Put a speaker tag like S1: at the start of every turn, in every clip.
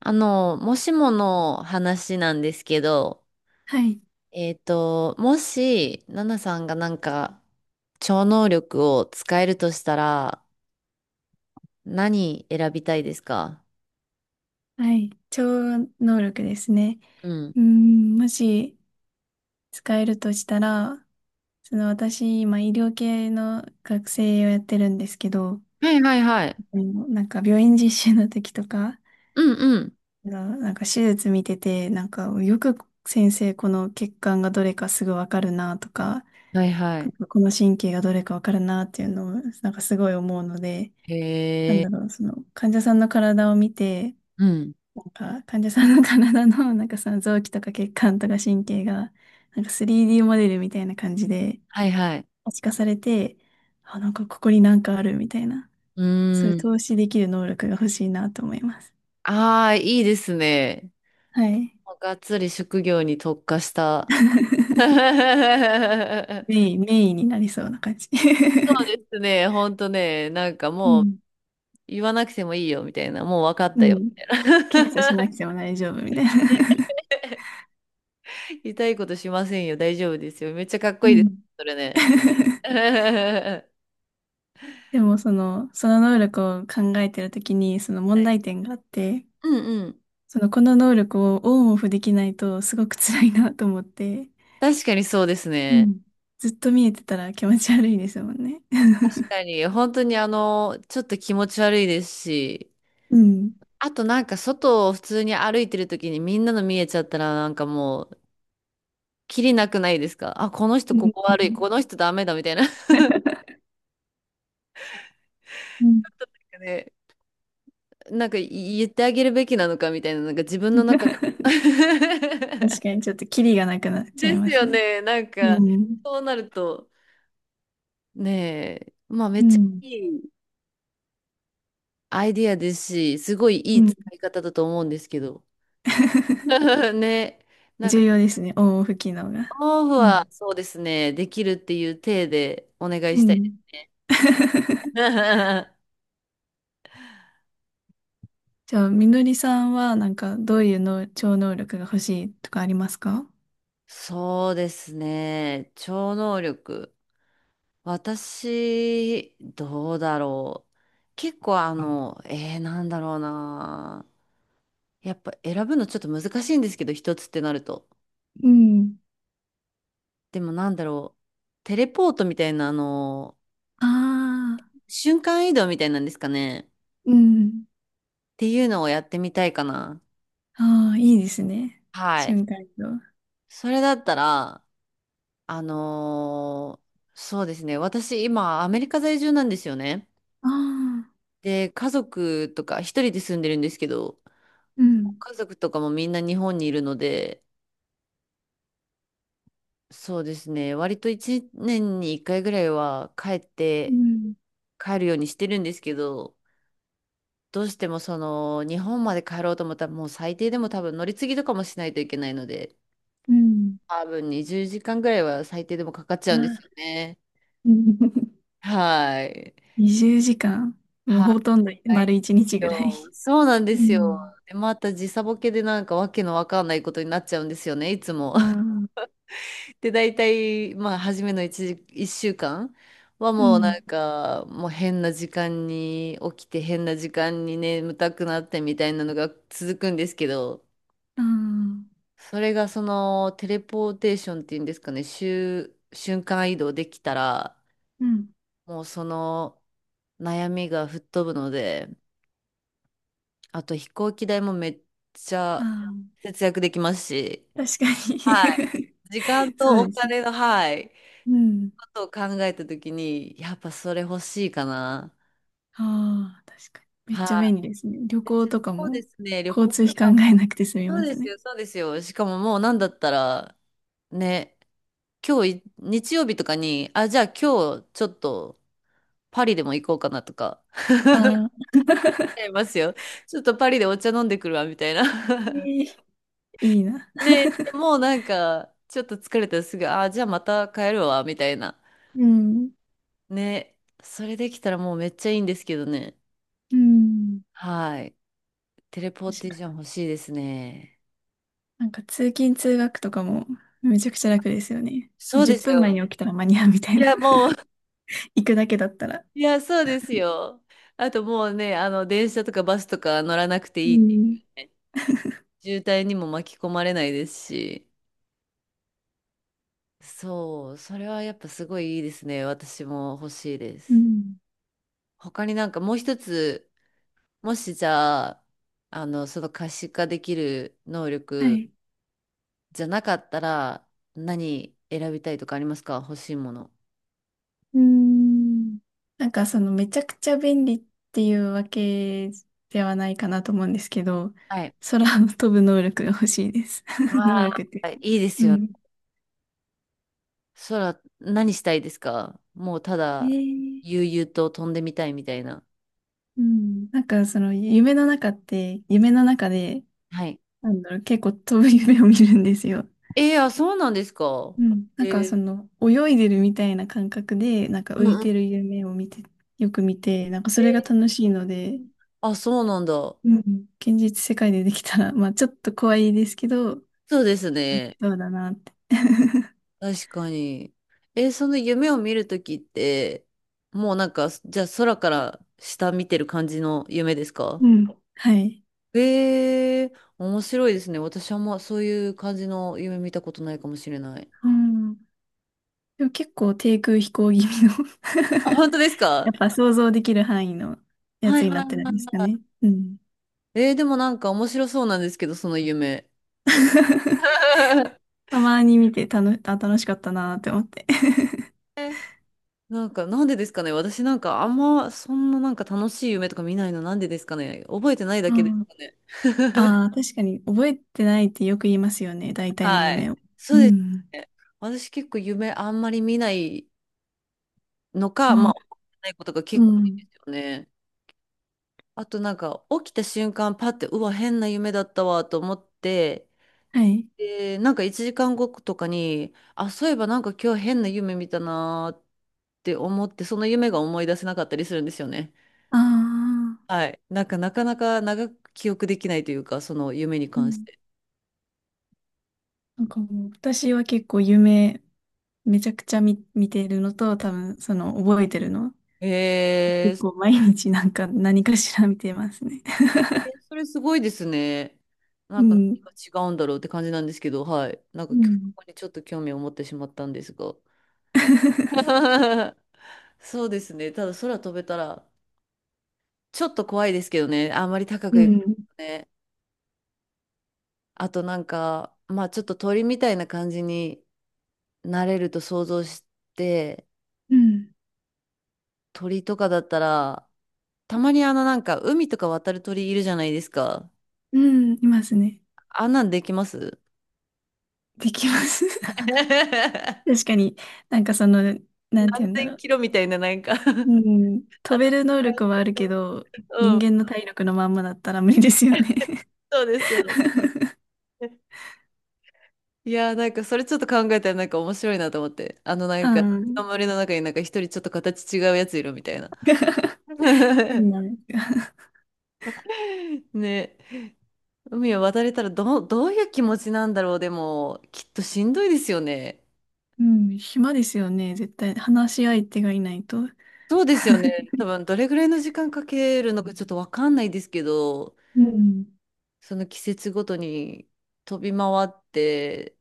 S1: もしもの話なんですけど、
S2: はい。
S1: もし、ナナさんが超能力を使えるとしたら、何選びたいですか？
S2: はい。超能力ですね。
S1: うん。
S2: うん、もし使えるとしたら、その私、今医療系の学生をやってるんですけど、
S1: はいはいはい。
S2: もうなんか病院実習の時とか、
S1: うんうん。
S2: なんか手術見てて、なんかよく先生、この血管がどれかすぐわかるなとか、
S1: はいはい。
S2: この神経がどれかわかるなっていうのを、なんかすごい思うので、
S1: へ
S2: なん
S1: え。
S2: だろう、その患者さんの体を見て、
S1: うん。
S2: なんか患者さんの体の なんかその臓器とか血管とか神経がなんか 3D モデルみたいな感じで
S1: はいはい。
S2: 可視化されて、あ、なんかここになんかあるみたいな、
S1: う
S2: そうい
S1: ー
S2: う
S1: ん。
S2: 投資できる能力が欲しいなと思います。
S1: ああ、いいですね。
S2: はい。
S1: がっつり職業に特化した。そう
S2: メインになりそうな感じ。
S1: ですね。ほんとね。なんか
S2: う
S1: もう、
S2: ん。
S1: 言わなくてもいいよ、みたいな。もう分かっ
S2: う
S1: たよ、
S2: ん。
S1: み
S2: 検査
S1: た
S2: し
S1: いな。
S2: なくても大丈夫みたいな。
S1: 痛いことしませんよ、大丈夫ですよ。めっちゃかっこ
S2: う
S1: いいです、
S2: ん。
S1: それね。は
S2: でもその能力を考えてるときにその問題
S1: い。
S2: 点があって、
S1: うんうん。
S2: そのこの能力をオンオフできないとすごく辛いなと思って、
S1: 確かにそうです
S2: う
S1: ね。
S2: ん。ずっと見えてたら気持ち悪いですもんね。
S1: 確かに、本当に、ちょっと気持ち悪いですし、
S2: うん。
S1: あとなんか外を普通に歩いてる時にみんなの見えちゃったらなんかもう、キリなくないですかあ、この人
S2: う
S1: こ
S2: ん。
S1: こ
S2: うん。
S1: 悪い、この人ダメだみたいな。なんかね、なんか言ってあげるべきなのかみたいな、なんか自分の中で。
S2: 確 かにちょっとキリがなくなっちゃ
S1: で
S2: い
S1: す
S2: ます
S1: よ
S2: ね。
S1: ね。なんか、
S2: うん。
S1: そうなると、ねえ、まあめっ
S2: う
S1: ちゃ
S2: ん。
S1: いいアイディアですし、すごいい
S2: う
S1: い
S2: ん。
S1: 使い方だと思うんですけど。ね、なんか、
S2: 重要ですね、オンオフ機能が。
S1: オフ
S2: う
S1: は
S2: ん
S1: そうですね、できるっていう体でお願い
S2: う
S1: したいで
S2: ん。
S1: すね。
S2: じゃあ、みのりさんはなんかどういうの超能力が欲しいとかありますか？
S1: そうですね、超能力。私、どうだろう。結構なんだろうな。やっぱ選ぶのちょっと難しいんですけど、一つってなると。
S2: うん。
S1: でもなんだろう。テレポートみたいな、
S2: ああ
S1: 瞬間移動みたいなんですかね。っ
S2: ー、うん。
S1: ていうのをやってみたいかな。
S2: ああ、いいですね。
S1: はい。
S2: 瞬間移動。あ
S1: それだったら、あのーそうですね。私、今、アメリカ在住なんですよね。
S2: あ、
S1: で、家族とか、一人で住んでるんですけど、
S2: うん、
S1: 家族とかもみんな日本にいるので、そうですね。割と一年に一回ぐらいは帰っ
S2: う
S1: て、
S2: ん、
S1: 帰るようにしてるんですけど、どうしてもその日本まで帰ろうと思ったらもう最低でも多分乗り継ぎとかもしないといけないので、
S2: うん。
S1: 多分20時間ぐらいは最低でもかかっちゃ
S2: わ
S1: うんです
S2: あ、
S1: よね。はい。
S2: 20時間。 もう
S1: は
S2: ほとんど
S1: い。
S2: 丸1日ぐらい。
S1: よそうなんで
S2: う
S1: すよ。
S2: ん。
S1: で、また時差ボケでなんかわけのわかんないことになっちゃうんですよね、いつも。
S2: ああ、
S1: で、大体、まあ、初めの1 1週間は
S2: う
S1: もうな
S2: ん。
S1: んか、もう変な時間に起きて、変な時間に眠たくなってみたいなのが続くんですけど、
S2: ああ、
S1: それがそのテレポーテーションっていうんですかね、瞬間移動できたら、
S2: うん。
S1: もうその悩みが吹っ飛ぶので、あと飛行機代もめっちゃ
S2: あ
S1: 節約できますし、
S2: あ、確か
S1: はい。
S2: に。
S1: 時間
S2: そ
S1: と
S2: う
S1: お
S2: ですね。
S1: 金の、はい、
S2: うん。
S1: ことを考えたときに、やっぱそれ欲しいかな。
S2: ああ、確かに。めっちゃ
S1: はい。
S2: 便利ですね。旅行とか
S1: そうで
S2: も
S1: すね、旅
S2: 交
S1: 行
S2: 通
S1: と
S2: 費
S1: か。
S2: 考えなくて済み
S1: そ
S2: ま
S1: うで
S2: す
S1: す
S2: ね。
S1: よ、そうですよ。しかももうなんだったら、ね、今日い、日曜日とかに、あ、じゃあ今日ちょっとパリでも行こうかなとか、
S2: ああ、
S1: 思いますよ。ちょっとパリでお茶飲んでくるわ、みたい
S2: え
S1: な。
S2: ー。 いいな。
S1: で、もうなんか、ちょっと疲れたらすぐ、あ、じゃあまた帰るわ、みたいな。
S2: うん。
S1: ね、それできたらもうめっちゃいいんですけどね。
S2: うん。
S1: はい。テレポーテーション欲しいですね。
S2: なんか通勤通学とかもめちゃくちゃ楽ですよね。も
S1: そ
S2: う
S1: うで
S2: 10
S1: す
S2: 分前
S1: よ。
S2: に起きたら間に合うみたい
S1: い
S2: な。
S1: や、もう
S2: 行くだけだったら。
S1: いや、そうですよ。あともうね、電車とかバスとか乗らなくて
S2: う
S1: いい。
S2: ん、
S1: 渋滞にも巻き込まれないですし。そう、それはやっぱすごいいいですね。私も欲しいで
S2: う
S1: す。
S2: ん、
S1: 他になんかもう一つ、もしじゃあ、その可視化できる能
S2: は
S1: 力
S2: い。
S1: じゃなかったら、何選びたいとかありますか？欲しいもの。
S2: うん、なんかそのめちゃくちゃ便利っていうわけではないかなと思うんですけど、
S1: はい。
S2: 空を飛ぶ能力が欲しいです。能
S1: わ
S2: 力っ
S1: あ、
S2: て。
S1: いいです
S2: う
S1: よ。
S2: ん。
S1: そら、何したいですか？もうた
S2: え
S1: だ、
S2: ー、
S1: 悠々と飛んでみたいみたいな。
S2: うん、なんかその夢の中で、
S1: はい。
S2: なんだろう、結構飛ぶ夢を見るんですよ。
S1: えー、あ、そうなんですか。
S2: うん。なん
S1: え
S2: かそ
S1: ー、
S2: の、泳いでるみたいな感覚で、なんか
S1: う
S2: 浮い
S1: んうん。
S2: てる夢を見て、よく見て、なんか
S1: え
S2: それが
S1: ー、
S2: 楽しいので、
S1: あ、そうなんだ。
S2: うん。現実世界でできたら、まあちょっと怖いですけど、
S1: そうですね。
S2: そうだなって。
S1: 確かに。えー、その夢を見るときって、もうなんか、じゃあ空から下見てる感じの夢ですか？
S2: うん。はい。
S1: えー、面白いですね。私はもうそういう感じの夢見たことないかもしれない。
S2: うん。でも結構低空飛行気味の、
S1: あ、本当です
S2: や
S1: か？
S2: っぱ想像できる範囲のや
S1: は
S2: つ
S1: い
S2: にな
S1: はい
S2: ってる
S1: は
S2: んで
S1: い
S2: すか
S1: は
S2: ね。うん。
S1: い。えー、でもなんか面白そうなんですけど、その夢。
S2: たまに見てたの、あ、楽しかったなって思って。
S1: なんか、なんでですかね。私なんか、あんま、そんななんか楽しい夢とか見ないの、なんでですかね。覚えてないだ
S2: う
S1: けです
S2: ん。
S1: かね。
S2: ああ、確かに覚えてないってよく言いますよね。大体の
S1: はい。
S2: 夢を。
S1: そ
S2: う
S1: うです
S2: ん。
S1: ね。私結構夢あんまり見ないのか、ま
S2: あ
S1: あ、
S2: あ、
S1: 覚えてないことが
S2: う
S1: 結構多いん
S2: ん。
S1: ですよね。あとなんか、起きた瞬間、パって、うわ、変な夢だったわ、と思って、
S2: はい。
S1: で、なんか1時間後とかに、あ、そういえばなんか今日変な夢見たなーって思って、その夢が思い出せなかったりするんですよね。
S2: ああ、
S1: はい。なんか、なかなか長く記憶できないというか、その夢に
S2: う
S1: 関し
S2: ん。
S1: て。
S2: なんかもう、私は結構夢、めちゃくちゃ見てるのと、多分、その、覚えてるの。
S1: えー、
S2: 結
S1: そ
S2: 構毎日なんか何かしら見てますね。
S1: れそれすごいですね。な
S2: う
S1: んか
S2: ん。
S1: 何が違うんだろうって感じなんですけど、はい。なん
S2: う
S1: か、こ
S2: ん。
S1: こにちょっと興味を持ってしまったんですが。そうですね。ただ、空飛べたら、ちょっと怖いですけどね。あんまり高
S2: う
S1: く行く
S2: ん。
S1: とね。あと、なんか、まあ、ちょっと鳥みたいな感じになれると想像して、
S2: うん。
S1: 鳥とかだったら、たまになんか海とか渡る鳥いるじゃないですか。
S2: うん、いますね。
S1: あんなんできます？
S2: できます。確かに、なんかその、なんて
S1: 何
S2: 言うんだ
S1: 千
S2: ろう。
S1: キロみたいななんか。
S2: うん。飛べる能力はあるけど、
S1: う
S2: 人
S1: ん、
S2: 間の体力のまんまだったら無理ですよね。
S1: そうですよね。いやーなんかそれちょっと考えたらなんか面白いなと思って。
S2: うん。
S1: 森の中になんか一人ちょっと形違うやついるみたいな。
S2: 変 な。
S1: ね。海を渡れたらどういう気持ちなんだろう。でも、きっとしんどいですよね。
S2: うん。暇ですよね。絶対。話し相手がいないと。
S1: そうですよね。多分どれぐらいの時間かけるのかちょっとわかんないですけど、
S2: うん。
S1: その季節ごとに飛び回って、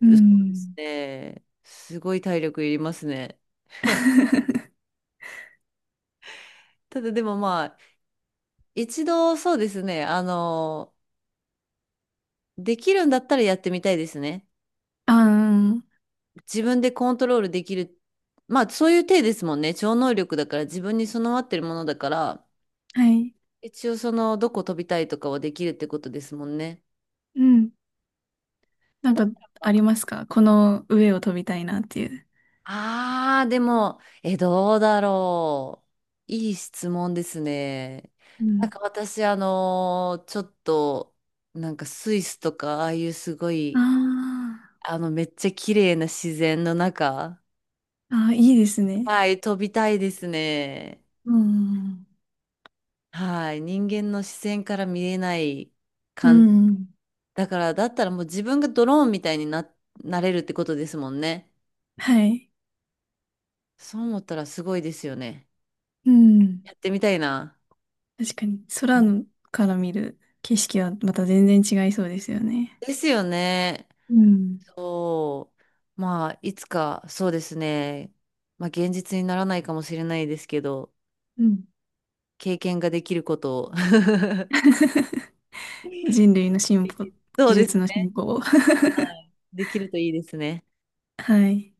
S2: う
S1: そうです
S2: ん。
S1: ね。すごい体力いりますね。ただでもまあ、一度そうですね、できるんだったらやってみたいですね。
S2: あ
S1: 自分でコントロールできる。まあそういう体ですもんね。超能力だから自分に備わってるものだから、
S2: あ、はい。
S1: 一応そのどこ飛びたいとかはできるってことですもんね。
S2: うん。なん
S1: だ
S2: か、
S1: から
S2: あ
S1: ま、
S2: りますか？この上を飛びたいなっていう。
S1: ああ、でも、え、どうだろう。いい質問ですね。
S2: う
S1: なん
S2: ん。
S1: か私、ちょっと、なんかスイスとか、ああいうすごい、
S2: あ
S1: めっちゃ綺麗な自然の中、
S2: あ、ああ、いいですね。
S1: はい、飛びたいですね。
S2: うん。
S1: はい、人間の視線から見れない
S2: う
S1: 感じ。
S2: ん。
S1: だから、だったらもう自分がドローンみたいにな、なれるってことですもんね。
S2: はい。
S1: そう思ったらすごいですよね。
S2: うん。
S1: やってみたいな。
S2: 確かに、
S1: う
S2: 空
S1: ん、
S2: のから見る景色はまた全然違いそうですよね。
S1: ですよね。
S2: うん。
S1: そう。まあ、いつか、そうですね。まあ、現実にならないかもしれないですけど、
S2: うん。
S1: 経験ができることを。
S2: 人類の進歩、
S1: そう
S2: 技
S1: です
S2: 術の
S1: ね。
S2: 進歩を。
S1: はい、できるといいですね。
S2: はい。